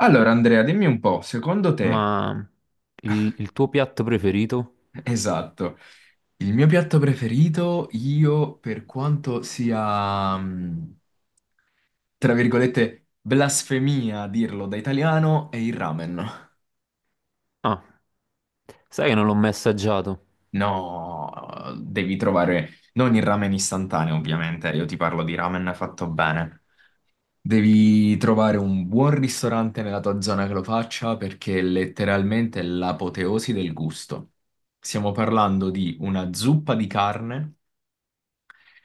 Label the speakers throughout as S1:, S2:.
S1: Allora, Andrea, dimmi un po', secondo te,
S2: Ma il tuo piatto preferito?
S1: esatto, il mio piatto preferito, io, per quanto sia, tra virgolette, blasfemia dirlo da italiano, è il ramen.
S2: Ah, sai che non l'ho mai assaggiato.
S1: No, devi trovare, non il ramen istantaneo, ovviamente, io ti parlo di ramen fatto bene. Devi trovare un buon ristorante nella tua zona che lo faccia perché è letteralmente l'apoteosi del gusto. Stiamo parlando di una zuppa di carne.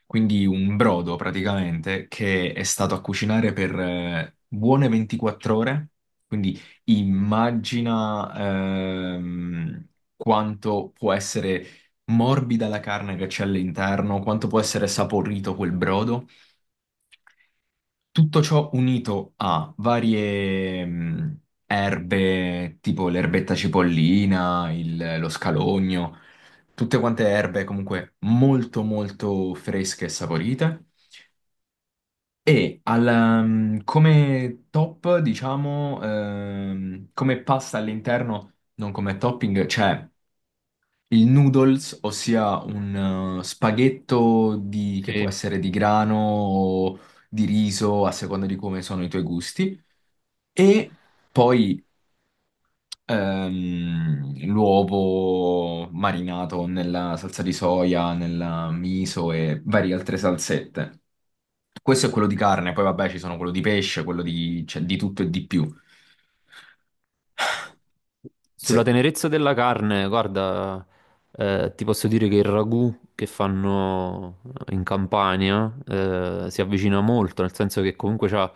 S1: Quindi un brodo praticamente che è stato a cucinare per buone 24 ore. Quindi immagina quanto può essere morbida la carne che c'è all'interno, quanto può essere saporito quel brodo. Tutto ciò unito a varie erbe, tipo l'erbetta cipollina, lo scalogno, tutte quante erbe comunque molto molto fresche e saporite. E al, come top, diciamo, come pasta all'interno, non come topping, c'è il noodles, ossia un spaghetto che può
S2: Sì.
S1: essere di grano o di riso, a seconda di come sono i tuoi gusti, e poi l'uovo marinato nella salsa di soia, nella miso e varie altre salsette. Questo è quello di carne, poi vabbè ci sono quello di pesce, quello di, cioè, di tutto e di più.
S2: Sulla
S1: Se-
S2: tenerezza della carne, guarda, ti posso dire che il ragù che fanno in Campania si avvicina molto, nel senso che comunque c'ha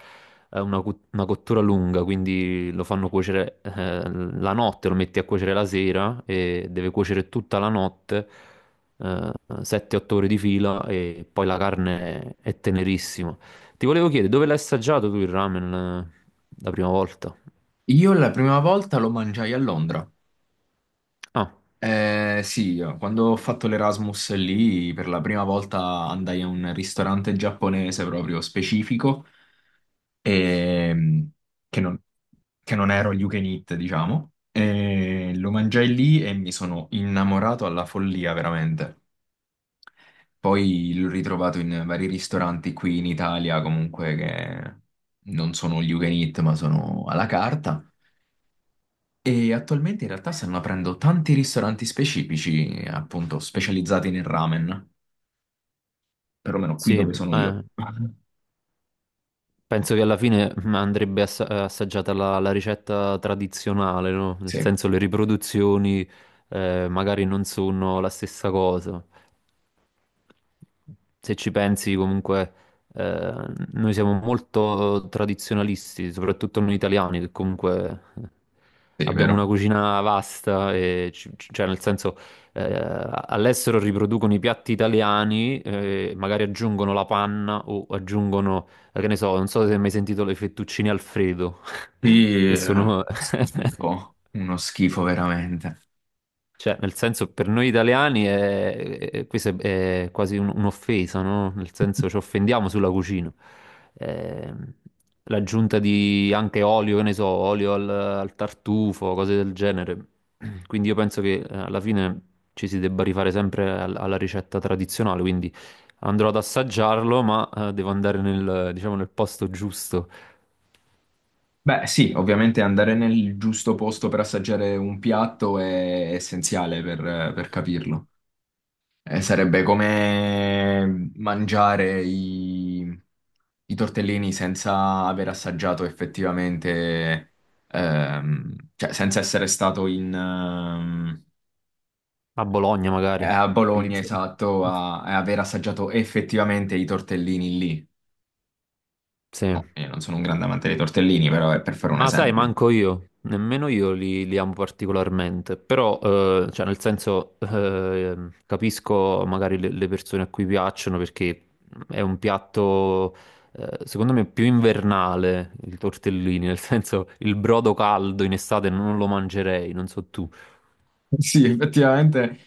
S2: una cottura lunga, quindi lo fanno cuocere la notte, lo metti a cuocere la sera e deve cuocere tutta la notte, eh, 7-8 ore di fila e poi la carne è tenerissima. Ti volevo chiedere, dove l'hai assaggiato tu il ramen la prima volta?
S1: Io la prima volta lo mangiai a Londra.
S2: Ah,
S1: Sì, io, quando ho fatto l'Erasmus lì, per la prima volta andai a un ristorante giapponese proprio specifico, ehm, che non, che non ero all you can eat, diciamo. E lo mangiai lì e mi sono innamorato alla follia, veramente. Poi l'ho ritrovato in vari ristoranti qui in Italia, comunque che non sono gli you can eat, ma sono alla carta. E attualmente in realtà stanno aprendo tanti ristoranti specifici, appunto, specializzati nel ramen, perlomeno qui
S2: sì,
S1: dove sono io.
S2: eh. Penso che alla fine assaggiata la ricetta tradizionale, no? Nel
S1: Sì,
S2: senso le riproduzioni magari non sono la stessa cosa se ci pensi comunque, eh, noi siamo molto tradizionalisti, soprattutto noi italiani, che comunque
S1: sì,
S2: abbiamo
S1: vero.
S2: una cucina vasta, e cioè nel senso, eh, all'estero riproducono i piatti italiani, magari aggiungono la panna o aggiungono, che ne so, non so se hai mai sentito le fettuccine Alfredo,
S1: Sì,
S2: che sono...
S1: schifo, uno schifo veramente.
S2: Cioè, nel senso, per noi italiani questa è quasi un'offesa, no? Nel senso, ci offendiamo sulla cucina. Ehm, L'aggiunta di anche olio, che ne so, olio al tartufo, cose del genere. Quindi io penso che alla fine ci si debba rifare sempre alla ricetta tradizionale, quindi andrò ad assaggiarlo, ma devo andare nel, diciamo, nel posto giusto,
S1: Beh, sì, ovviamente andare nel giusto posto per assaggiare un piatto è essenziale per capirlo. Sarebbe come mangiare i tortellini senza aver assaggiato effettivamente, cioè senza essere stato in,
S2: a Bologna magari.
S1: a
S2: Lì-
S1: Bologna, esatto, a aver assaggiato effettivamente i tortellini lì.
S2: Sì.
S1: Oh, io non sono un grande amante dei tortellini, però è per fare un
S2: Ma sai,
S1: esempio.
S2: manco io, nemmeno io li amo particolarmente, però, cioè, nel senso, capisco magari le persone a cui piacciono perché è un piatto, secondo me, più invernale, il tortellini, nel senso, il brodo caldo in estate non lo mangerei, non so tu.
S1: Sì, effettivamente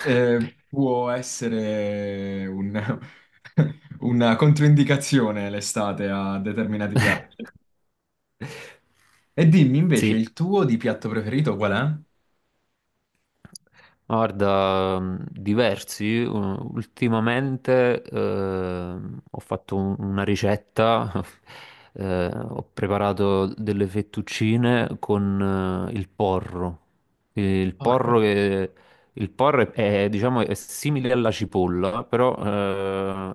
S1: può essere una controindicazione l'estate a determinati piatti. E dimmi invece,
S2: Sì,
S1: il tuo di piatto preferito qual è?
S2: guarda, diversi. Ultimamente una ricetta, ho preparato delle fettuccine con il porro. Il
S1: Porro.
S2: porro che il porro è, diciamo, è simile alla cipolla, però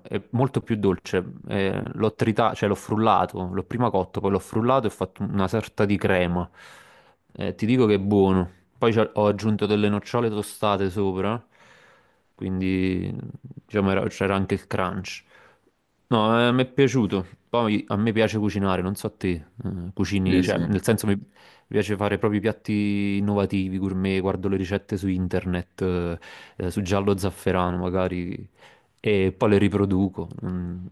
S2: è molto più dolce. Cioè l'ho frullato, l'ho prima cotto, poi l'ho frullato e ho fatto una sorta di crema. Ti dico che è buono. Poi ho aggiunto delle nocciole tostate sopra, quindi diciamo, c'era anche il crunch. No, mi è piaciuto. Poi a me piace cucinare, non so te, cucini,
S1: Sì,
S2: cioè
S1: sì.
S2: nel senso mi, mi piace fare proprio piatti innovativi, gourmet, guardo le ricette su internet, su giallo zafferano magari, e poi le riproduco. Mm.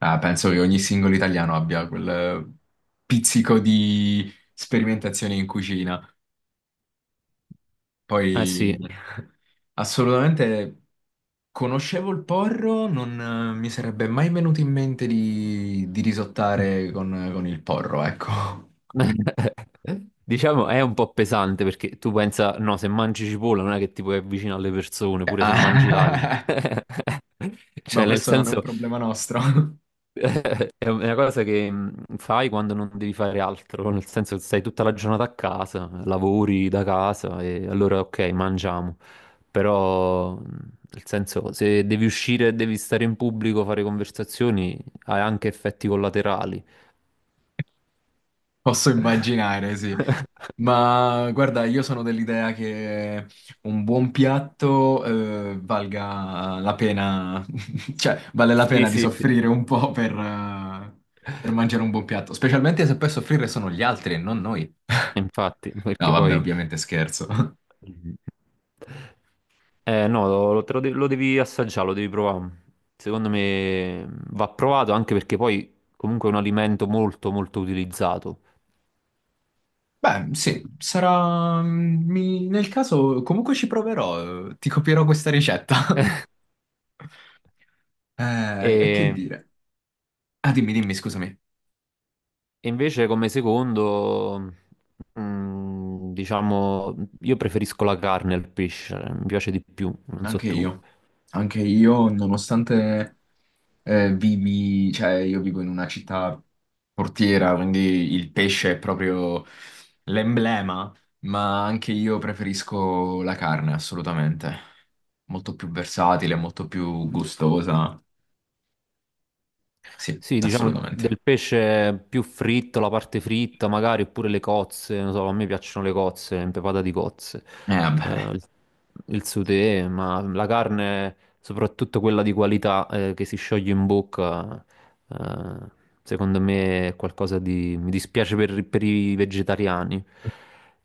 S1: Ah, penso che ogni singolo italiano abbia quel pizzico di sperimentazione in cucina.
S2: Eh sì,
S1: Poi, assolutamente. Conoscevo il porro, non mi sarebbe mai venuto in mente di risottare con il porro, ecco.
S2: diciamo è un po' pesante perché tu pensa, no, se mangi cipolla non è che ti puoi avvicinare alle persone, pure se mangi l'aglio.
S1: Ah. Ma
S2: Cioè, nel
S1: questo non è un
S2: senso...
S1: problema nostro.
S2: È una cosa che fai quando non devi fare altro, nel senso che stai tutta la giornata a casa, lavori da casa e allora ok, mangiamo, però nel senso se devi uscire e devi stare in pubblico, fare conversazioni, hai anche effetti collaterali.
S1: Posso immaginare, sì. Ma guarda, io sono dell'idea che un buon piatto valga la pena, cioè vale la
S2: Sì,
S1: pena di
S2: sì, sì.
S1: soffrire un po' per mangiare un buon piatto, specialmente se poi a soffrire sono gli altri e non noi.
S2: Infatti,
S1: No,
S2: perché
S1: vabbè,
S2: poi...
S1: ovviamente scherzo.
S2: No, lo devi assaggiare, lo devi provare. Secondo me, va provato anche perché poi comunque è un alimento molto molto utilizzato.
S1: Beh, sì, sarà... Nel caso comunque ci proverò, ti copierò questa ricetta. E che
S2: E,
S1: dire? Ah, dimmi, dimmi, scusami.
S2: e invece come secondo, mm, diciamo, io preferisco la carne al pesce, mi piace di più, non so
S1: Anche
S2: tu.
S1: io. Anche io, nonostante vivi... Cioè, io vivo in una città portiera, quindi il pesce è proprio l'emblema, ma anche io preferisco la carne, assolutamente. Molto più versatile, molto più gustosa. Sì,
S2: Sì, diciamo
S1: assolutamente.
S2: del pesce più fritto, la parte fritta magari, oppure le cozze, non so, a me piacciono le cozze, impepata di cozze, eh,
S1: Vabbè.
S2: il, il sauté, ma la carne, soprattutto quella di qualità, che si scioglie in bocca, eh, secondo me è qualcosa di... mi dispiace per i vegetariani.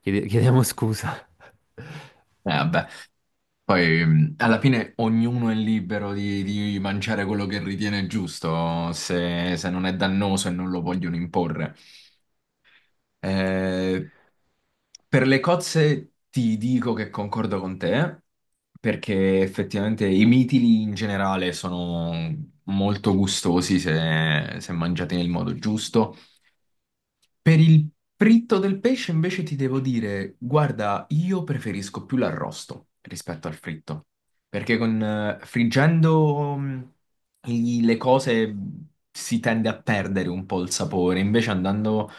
S2: Chiediamo scusa.
S1: Vabbè. Poi alla fine ognuno è libero di mangiare quello che ritiene giusto, se non è dannoso e non lo vogliono imporre. Eh, per le cozze ti dico che concordo con te, perché effettivamente i mitili in generale sono molto gustosi se mangiati nel modo giusto. Per il fritto del pesce invece ti devo dire, guarda, io preferisco più l'arrosto rispetto al fritto, perché con, friggendo le cose si tende a perdere un po' il sapore, invece andando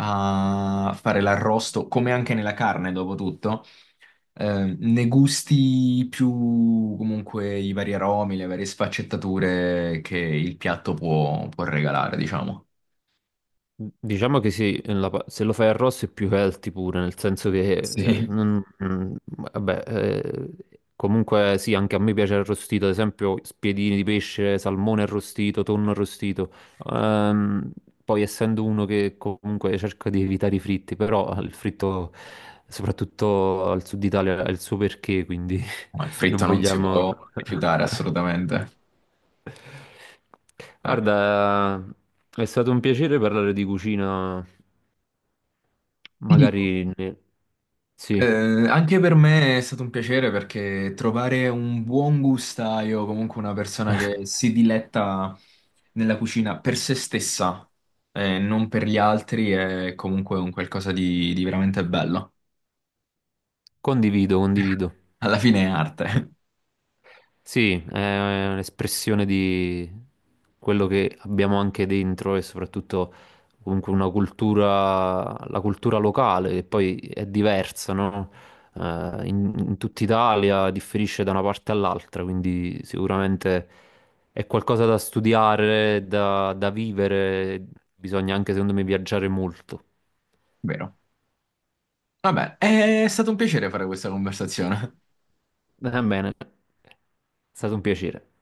S1: a fare l'arrosto, come anche nella carne dopo tutto, ne gusti più comunque i vari aromi, le varie sfaccettature che il piatto può regalare, diciamo.
S2: Diciamo che sì, se lo fai arrosto è più healthy pure, nel senso che,
S1: Sì.
S2: vabbè, comunque sì, anche a me piace arrostito, ad esempio spiedini di pesce, salmone arrostito, tonno arrostito. Ehm, Poi essendo uno che comunque cerca di evitare i fritti, però il fritto, soprattutto al sud Italia, ha il suo perché, quindi
S1: No, il
S2: non
S1: fritto non si
S2: vogliamo...
S1: può rifiutare assolutamente. Ah,
S2: Guarda, è stato un piacere parlare di cucina.
S1: ti dico,
S2: Magari ne- sì,
S1: anche per me è stato un piacere perché trovare un buon gustaio, comunque una persona che si diletta nella cucina per se stessa e non per gli altri, è comunque un qualcosa di veramente bello.
S2: condivido, condivido.
S1: Alla fine è arte,
S2: Sì, è un'espressione di quello che abbiamo anche dentro e soprattutto comunque una cultura, la cultura locale che poi è diversa, no? In, in tutta Italia differisce da una parte all'altra, quindi sicuramente è qualcosa da studiare, da vivere, bisogna anche secondo me viaggiare molto.
S1: vero? Vabbè, è stato un piacere fare questa conversazione.
S2: Va bene, è stato un piacere.